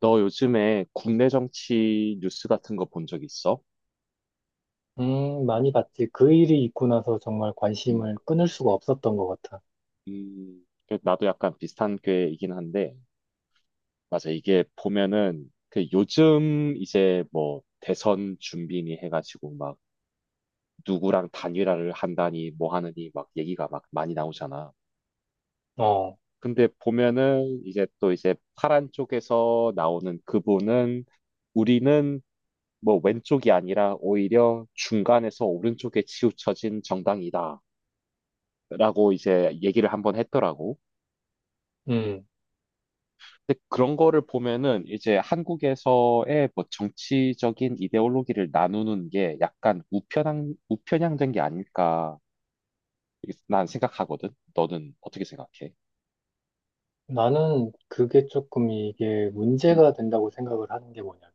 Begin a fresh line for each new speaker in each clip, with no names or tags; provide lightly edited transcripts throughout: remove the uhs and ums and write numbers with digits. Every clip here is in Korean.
너 요즘에 국내 정치 뉴스 같은 거 본 적 있어?
많이 봤지. 그 일이 있고 나서 정말
음,
관심을 끊을 수가 없었던 것 같아.
나도 약간 비슷한 꾀이긴 한데, 맞아. 이게 보면은, 요즘 이제 뭐 대선 준비니 해가지고 막 누구랑 단일화를 한다니 뭐 하느니 막 얘기가 막 많이 나오잖아.
어,
근데 보면은 이제 또 이제 파란 쪽에서 나오는 그분은 우리는 뭐 왼쪽이 아니라 오히려 중간에서 오른쪽에 치우쳐진 정당이다. 라고 이제 얘기를 한번 했더라고.
음.
근데 그런 거를 보면은 이제 한국에서의 뭐 정치적인 이데올로기를 나누는 게 약간 우편향된 게 아닐까 이렇게 난 생각하거든. 너는 어떻게 생각해?
나는 그게 조금 이게
음.
문제가 된다고 생각을 하는 게 뭐냐면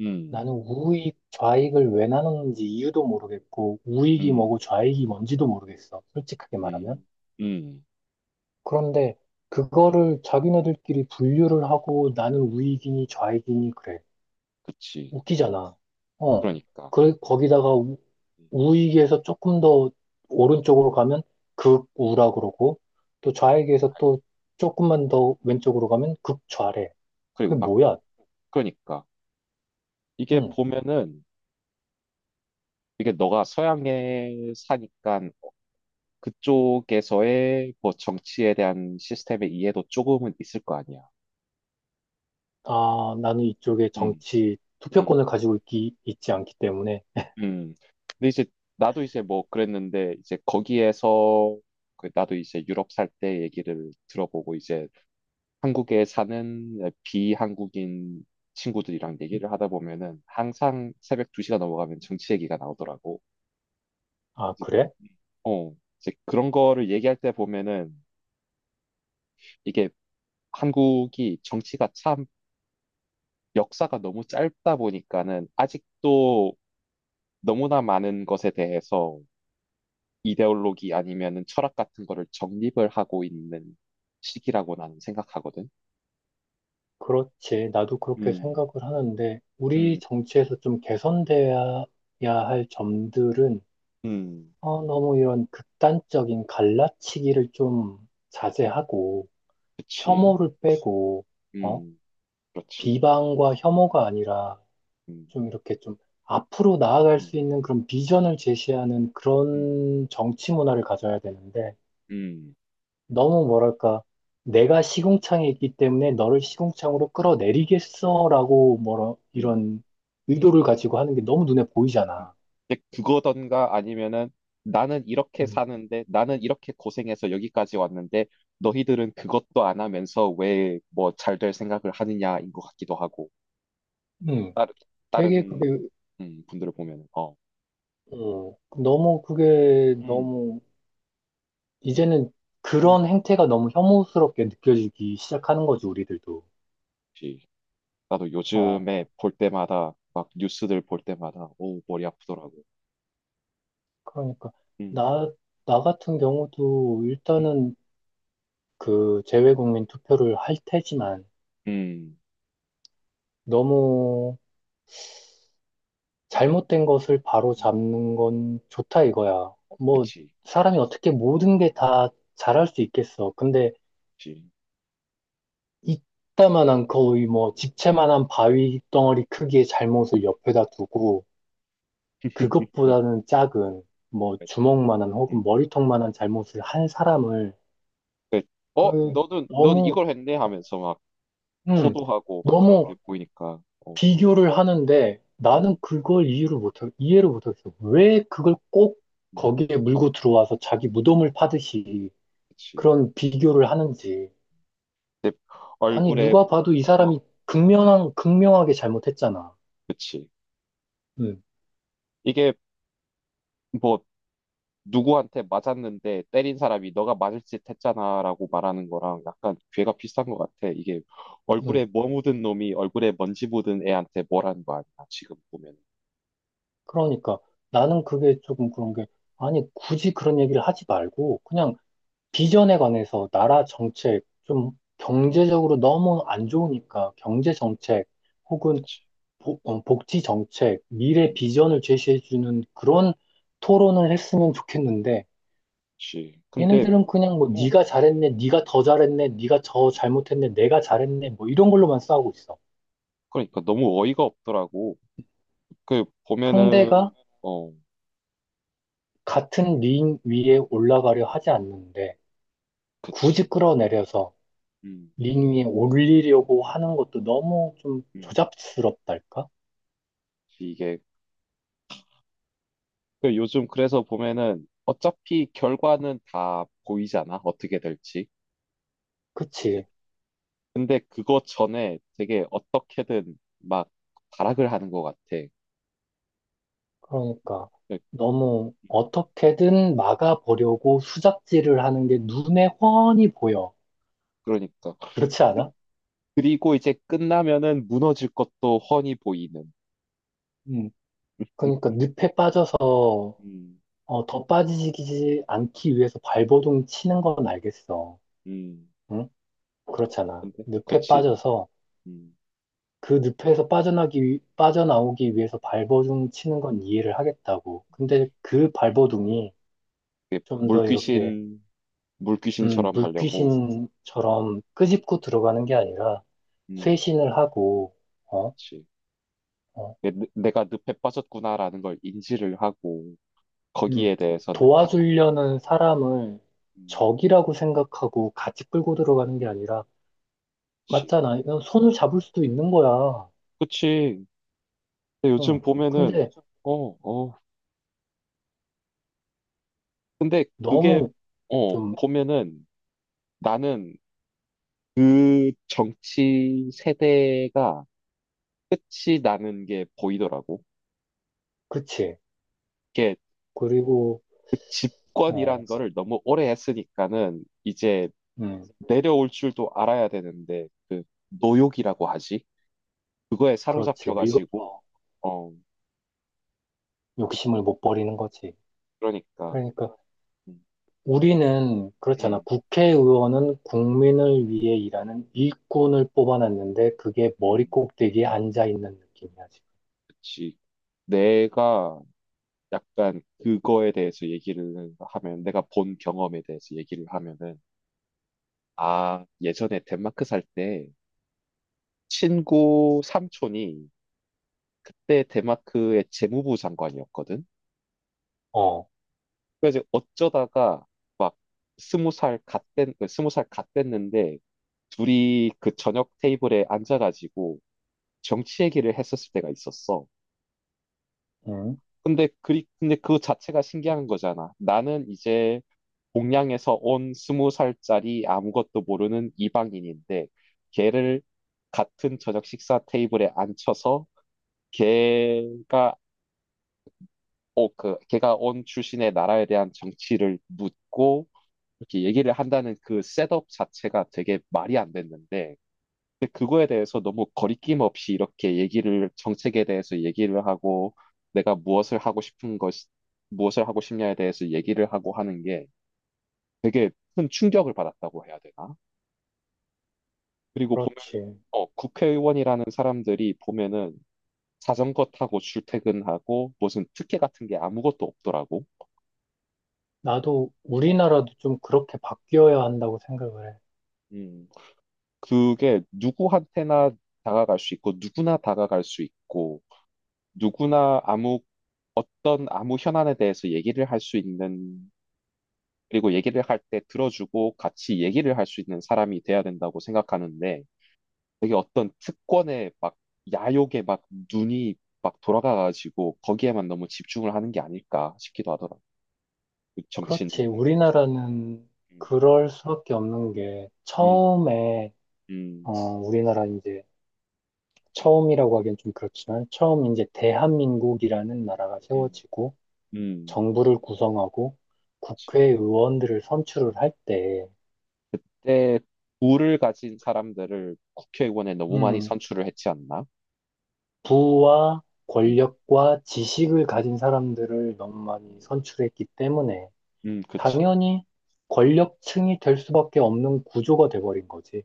음.
나는 우익, 좌익을 왜 나누는지 이유도 모르겠고 우익이
음.
뭐고 좌익이 뭔지도 모르겠어. 솔직하게 말하면.
음. 음.
그런데 그거를 자기네들끼리 분류를 하고 나는 우익이니 좌익이니 그래.
그치.
웃기잖아. 어.
그러니까.
그, 거기다가
음.
우익에서 조금 더 오른쪽으로 가면 극우라 그러고, 또 좌익에서 또 조금만 더 왼쪽으로 가면 극좌래.
그리고
그게
막,
뭐야?
그러니까. 이게
응.
보면은 이게 너가 서양에 사니까 그쪽에서의 뭐 정치에 대한 시스템의 이해도 조금은 있을 거 아니야.
아, 나는 이쪽에
음.
정치
음.
투표권을 가지고 있지 않기 때문에.
음. 근데 이제 나도 이제 뭐 그랬는데 이제 거기에서 나도 이제 유럽 살 때 얘기를 들어보고 이제 한국에 사는 비한국인 친구들이랑 얘기를 하다 보면은 항상 새벽 2시가 넘어가면 정치 얘기가 나오더라고.
아,
이제
그래?
어, 이제 그런 거를 얘기할 때 보면은 이게 한국이 정치가 참 역사가 너무 짧다 보니까는 아직도 너무나 많은 것에 대해서 이데올로기 아니면은 철학 같은 거를 정립을 하고 있는 시기라고 나는 생각하거든.
그렇지. 나도 그렇게
음.
생각을 하는데, 우리
음.
정치에서 좀 개선돼야 할 점들은
음.
어, 너무 이런 극단적인 갈라치기를 좀 자제하고,
그치.
혐오를 빼고, 어?
음. 그렇지.
비방과 혐오가 아니라
음.
좀 이렇게 좀 앞으로 나아갈
음.
수 있는 그런 비전을 제시하는
음.
그런 정치 문화를 가져야 되는데,
음.
너무 뭐랄까, 내가 시궁창에 있기 때문에 너를 시궁창으로 끌어내리겠어라고 뭐라
음.
이런 의도를 가지고 하는 게 너무 눈에
음.
보이잖아.
근데 그거던가 아니면은 나는 이렇게
음.
사는데 나는 이렇게 고생해서 여기까지 왔는데 너희들은 그것도 안 하면서 왜 뭐 잘 될 생각을 하느냐인 것 같기도 하고.
음. 되게
다른
그게
분들을 보면은
어, 너무 그게
음, 음,
너무 이제는
음.
그런 행태가 너무 혐오스럽게 느껴지기 시작하는 거지, 우리들도.
역시 나도
어,
요즘에 볼 때마다 막 뉴스들 볼 때마다 오 머리 아프더라고.
그러니까,
음.
나, 나 같은 경우도
음.
일단은 그 재외국민 투표를 할 테지만
음.
너무 잘못된 것을 바로
음.
잡는 건 좋다 이거야. 뭐,
그치. 음.
사람이 어떻게 모든 게 다 잘할 수 있겠어. 근데
그치.
이따만한 거의 뭐 집채만한 바위 덩어리 크기의 잘못을 옆에다 두고
음.
그것보다는 작은, 뭐,
그,
주먹만한 혹은
음.
머리통만한 잘못을 한 사람을,
그- 어,
그,
너는, 넌
너무,
이걸 했네 하면서 막
음,
호도하고 막 그런 게
너무
보이니까,
비교를 하는데 나는
음.
그걸 이유를 못, 이해를 못하겠어. 왜 그걸 꼭
음.
거기에 물고 들어와서 자기 무덤을 파듯이
그치.
그런 비교를 하는지.
내
아니,
얼굴에,
누가 봐도 이 사람이
어,
극명하게 잘못했잖아.
그치.
음,
이게 뭐 누구한테 맞았는데 때린 사람이 너가 맞을 짓 했잖아라고 말하는 거랑 약간 괴가 비슷한 것 같아. 이게
음.
얼굴에 뭐 묻은 놈이 얼굴에 먼지 묻은 애한테 뭐라는 거 아니야, 지금 보면.
그러니까 나는 그게 조금 그런 게, 아니, 굳이 그런 얘기를 하지 말고, 그냥
음.
비전에 관해서 나라 정책, 좀
음.
경제적으로 너무 안 좋으니까 경제 정책 혹은
그치.
복지 정책, 미래
음.
비전을 제시해주는 그런 토론을 했으면 좋겠는데
그치. 근데,
얘네들은 그냥 뭐
어,
네가 잘했네, 네가 더 잘했네, 네가 더 잘못했네, 내가 잘했네 뭐 이런 걸로만 싸우고 있어.
그러니까 너무 어이가 없더라고.
상대가
보면은, 어,
같은 링 위에 올라가려 하지 않는데
그치.
굳이 끌어내려서
음.
링 위에 올리려고 하는 것도 너무 좀
음.
조잡스럽달까?
이게. 요즘 그래서 보면은 어차피 결과는 다 보이잖아, 어떻게 될지.
그치.
근데 그거 전에 되게 어떻게든 막 발악을 하는 것 같아.
그러니까
그-
너무 어떻게든 막아보려고 수작질을 하는 게 눈에 훤히 보여.
그러니까.
그렇지
그-
않아?
그리고 이제 끝나면은 무너질 것도 훤히 보이는.
음. 그러니까
음.
늪에 빠져서
음.
어, 더 빠지지 않기 위해서 발버둥 치는 건 알겠어.
음.
응? 그렇잖아.
근데,
늪에
그치.
빠져서
음.
그 늪에서 빠져나오기 위해서 발버둥 치는 건 이해를 하겠다고. 근데 그
음.
발버둥이 좀 더 이렇게
물귀신, 물귀신처럼 하려고.
물귀신처럼 끄집고 들어가는 게 아니라
음.
쇄신을 하고, 어,
그치.
어,
내가 늪에 빠졌구나라는 걸 인지를 하고,
음,
거기에 대해서 받고.
도와주려는 사람을
음.
적이라고 생각하고 같이 끌고 들어가는 게 아니라,
그치.
맞잖아. 이건 손을 잡을 수도 있는 거야.
그치. 근데
응.
요즘 보면은,
근데
어, 어, 근데 그게
너무 좀,
보면은 나는 그 정치 세대가 끝이 나는 게 보이더라고.
그치.
이게
그리고,
그
어,
집권이란 거를 너무 오래 했으니까는 이제
음,
내려올 줄도 알아야 되는데 그 노욕이라고 하지? 그거에
그렇지.
사로잡혀가지고
늙어서
어 그-
욕심을 못 버리는 거지.
그러니까.
그러니까
음.
우리는 그렇잖아.
음.
국회의원은 국민을 위해 일하는 일꾼을 뽑아놨는데 그게 머리
음.
꼭대기에 앉아 있는 느낌이야, 지금.
그치. 내가 약간 그거에 대해서 얘기를 하면 내가 본 경험에 대해서 얘기를 하면은 아, 예전에 덴마크 살 때 친구 삼촌이 그때 덴마크의 재무부 장관이었거든.
어,
그래서 어쩌다가 20살 갓됐는데 둘이 그 저녁 테이블에 앉아가지고 정치 얘기를 했었을 때가 있었어.
응,
근데 그 자체가 신기한 거잖아. 나는 이제 동양에서 온 20살짜리 아무것도 모르는 이방인인데 걔를 같은 저녁 식사 테이블에 앉혀서 걔가 어, 그 걔가 온 출신의 나라에 대한 정치를 묻고 이렇게 얘기를 한다는 그 셋업 자체가 되게 말이 안 됐는데 근데 그거에 대해서 너무 거리낌 없이 이렇게 얘기를 정책에 대해서 얘기를 하고 내가 무엇을 하고 싶냐에 대해서 얘기를 하고 하는 게 되게 큰 충격을 받았다고 해야 되나? 그리고 보면
그렇지.
국회의원이라는 사람들이 보면은 자전거 타고 출퇴근하고 무슨 특혜 같은 게 아무것도 없더라고.
나도 우리나라도 좀 그렇게 바뀌어야 한다고 생각을 해.
음. 그게 누구한테나 다가갈 수 있고 누구나 다가갈 수 있고 누구나 아무 어떤 아무 현안에 대해서 얘기를 할 수 있는 그리고 얘기를 할 때 들어주고 같이 얘기를 할 수 있는 사람이 돼야 된다고 생각하는데 되게 어떤 특권에 막 야욕에 막 눈이 막 돌아가가지고 거기에만 너무 집중을 하는 게 아닐까 싶기도 하더라. 그 정치인들
그렇지.
보면.
우리나라는
음.
그럴 수밖에 없는 게
음.
처음에
음.
우리나라 이제 처음이라고 하기엔 좀 그렇지만 처음 이제 대한민국이라는 나라가
음.
세워지고
음.
정부를 구성하고 국회의원들을 선출을 할 때,
그때 부를 가진 사람들을 국회의원에 너무 많이
음,
선출을 했지 않나?
부와
음.
권력과 지식을 가진 사람들을 너무 많이
음.
선출했기 때문에
음. 그치.
당연히 권력층이 될 수밖에 없는 구조가 돼버린 거지.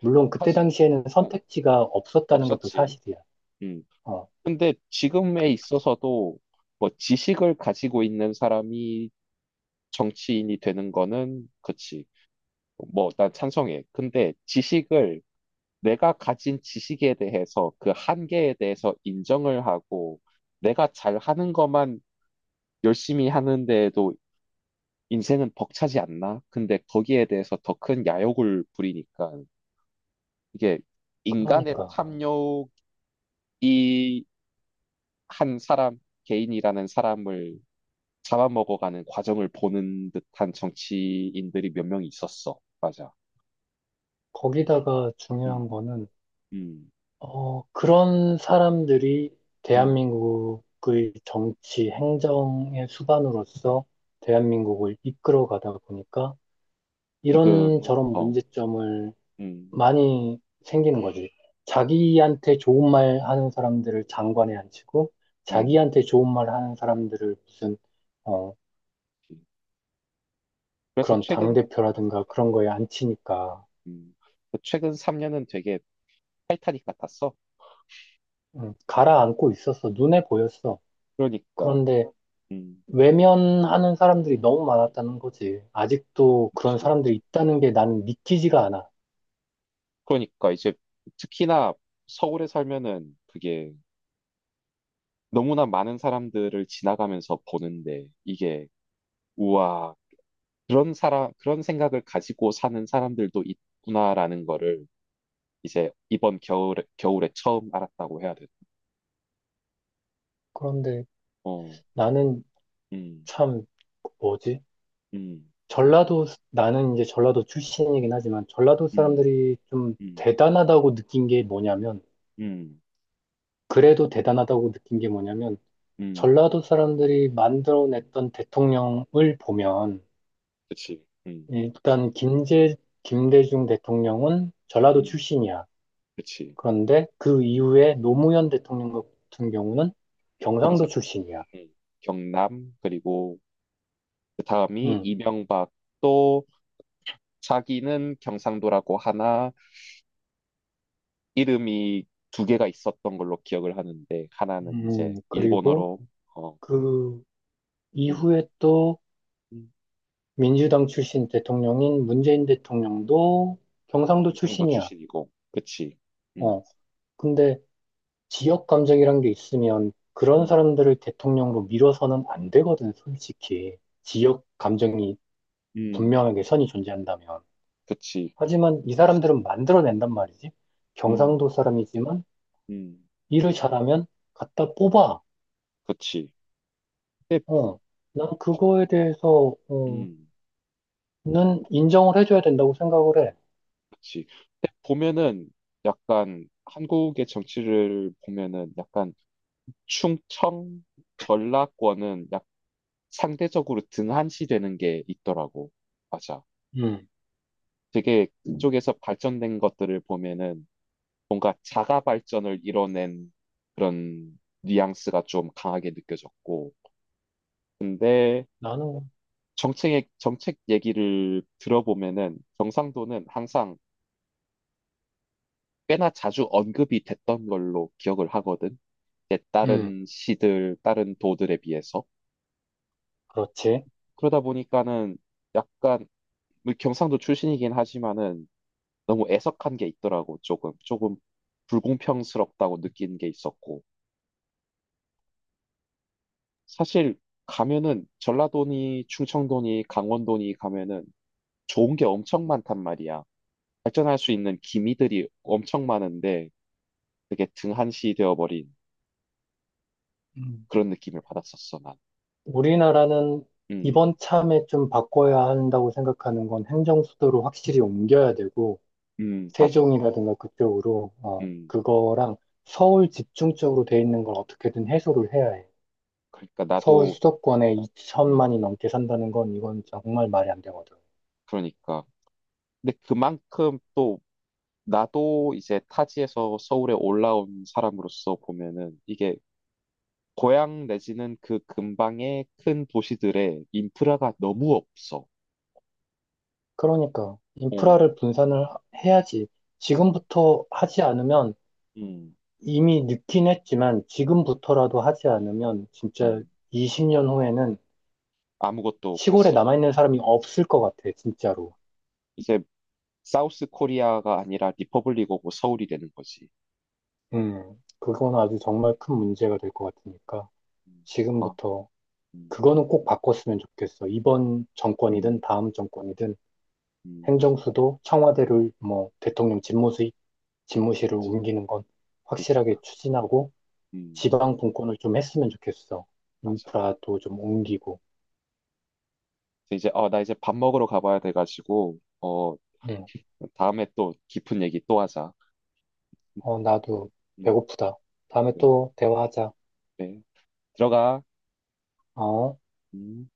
물론 그때
사실
당시에는
어,
선택지가 없었다는 것도
없었지.
사실이야.
음.
어,
근데 지금에 있어서도 뭐 지식을 가지고 있는 사람이 정치인이 되는 거는 그치. 뭐 난 찬성해. 근데 지식을 내가 가진 지식에 대해서 그 한계에 대해서 인정을 하고 내가 잘하는 것만 열심히 하는데에도 인생은 벅차지 않나? 근데 거기에 대해서 더 큰 야욕을 부리니까 이게 인간의
그러니까
탐욕이 한 사람, 개인이라는 사람을 잡아먹어가는 과정을 보는 듯한 정치인들이 몇 명 있었어. 맞아.
거기다가 중요한
음.
거는
음.
그런 사람들이
음.
대한민국의 정치, 행정의 수반으로서 대한민국을 이끌어 가다 보니까
지금은,
이런저런 문제점을
음.
많이 생기는 거지. 자기한테 좋은 말 하는 사람들을 장관에 앉히고,
음.
자기한테 좋은 말 하는 사람들을 무슨, 어,
그래서
그런
어,
당대표라든가 그런 거에 앉히니까,
음. 최근 3년은 되게,
가라앉고 있었어. 눈에 보였어.
그러니까,
그런데
음,
외면하는 사람들이 너무 많았다는 거지. 아직도 그런
그렇
사람들이 있다는 게 나는 믿기지가 않아.
그러니까 이제 특히나 서울에 살면은 그게 너무나 많은 사람들을 지나가면서 보는데 이게 우와 그런 생각을 가지고 사는 사람들도 있구나라는 거를 이제 이번 겨울에 처음 알았다고 해야 돼.
그런데
어.
나는
음.
참 뭐지?
음.
전라도 나는 이제 전라도 출신이긴 하지만 전라도
음.
사람들이 좀
음.
대단하다고 느낀 게 뭐냐면
음.
그래도 대단하다고 느낀 게 뭐냐면
음.
전라도 사람들이 만들어냈던 대통령을 보면
그치. 음.
일단 김제 김대중 대통령은 전라도
음.
출신이야.
그치.
그런데 그 이후에 노무현 대통령 같은 경우는 경상도
경상,
출신이야.
음, 경남 그리고 그 다음이
음,
이명박 또 자기는 경상도라고 하나 이름이 두 개가 있었던 걸로 기억을 하는데 하나는 이제
그리고
일본어로 어
그
음,
이후에 또
음,
민주당 출신 대통령인 문재인 대통령도 경상도
경상도
출신이야.
출신이고 그치. 음.
어, 근데 지역 감정이란 게 있으면 그런
음.
사람들을 대통령으로 밀어서는 안 되거든, 솔직히. 지역 감정이
음.
분명하게 선이 존재한다면.
그치.
하지만 이 사람들은 만들어낸단 말이지.
음.
경상도 사람이지만
음.
일을 잘하면 갖다 뽑아.
그치. 근데.
어, 난 그거에 대해서,
음.
는 인정을 해줘야 된다고 생각을 해.
그치. 근데 보면은 약간 한국의 정치를 보면은 약간 충청 전라권은 약 상대적으로 등한시되는 게 있더라고. 맞아.
음,
되게 그쪽에서 발전된 것들을 보면은 뭔가 자가 발전을 이뤄낸 그런 뉘앙스가 좀 강하게 느껴졌고, 근데
나는,
정책 얘기를 들어보면은 경상도는 항상 꽤나 자주 언급이 됐던 걸로 기억을 하거든. 이제
음,
다른 도들에 비해서.
그렇지.
그러다 보니까는 약간 뭐 경상도 출신이긴 하지만은 너무 애석한 게 있더라고. 조금 불공평스럽다고 느낀 게 있었고. 사실 가면은 전라도니 충청도니 강원도니 가면은 좋은 게 엄청 많단 말이야. 발전할 수 있는 기미들이 엄청 많은데 되게 등한시 되어버린
음.
그런 느낌을 받았었어, 난.
우리나라는
음.
이번 참에 좀 바꿔야 한다고 생각하는 건 행정수도를 확실히 옮겨야 되고,
음. 맞아.
세종이라든가 그쪽으로, 어,
음.
그거랑 서울 집중적으로 돼 있는 걸 어떻게든 해소를 해야 해.
그러니까
서울
나도,
수도권에
음,
2천만이 넘게 산다는 건 이건 정말 말이 안 되거든.
그러니까. 근데 그만큼 또 나도 이제 타지에서 서울에 올라온 사람으로서 보면은 이게 고향 내지는 그 근방의 큰 도시들의 인프라가 너무 없어.
그러니까
어.
인프라를 해야지.
음.
지금부터 하지 않으면
음.
이미 늦긴 했지만 지금부터라도 하지 않으면 진짜
음.
20년 후에는
아무것도 그
시골에
서,
남아있는 사람이 없을 것 같아, 진짜로.
이제 사우스 코리아가 아니라 리퍼블릭 오브 서울이 되는 거지.
그건 아주 정말 큰 문제가 될 것 같으니까
음. 아.
지금부터
음.
그거는 꼭 바꿨으면 좋겠어. 이번 정권이든
음.
다음 정권이든
음. 아,
행정수도 청와대를 뭐 대통령 집무실, 집무실을
그치.
옮기는 건 확실하게
그러니까,
추진하고
음,
지방 분권을 좀 했으면 좋겠어.
맞아.
인프라도 좀 옮기고.
그래서 이제 나 이제 밥 먹으러 가봐야 돼가지고
응.
다음에 또 깊은 얘기 또 하자.
어, 나도
음.
배고프다. 다음에
네.
또 대화하자.
네. 들어가.
어?
음.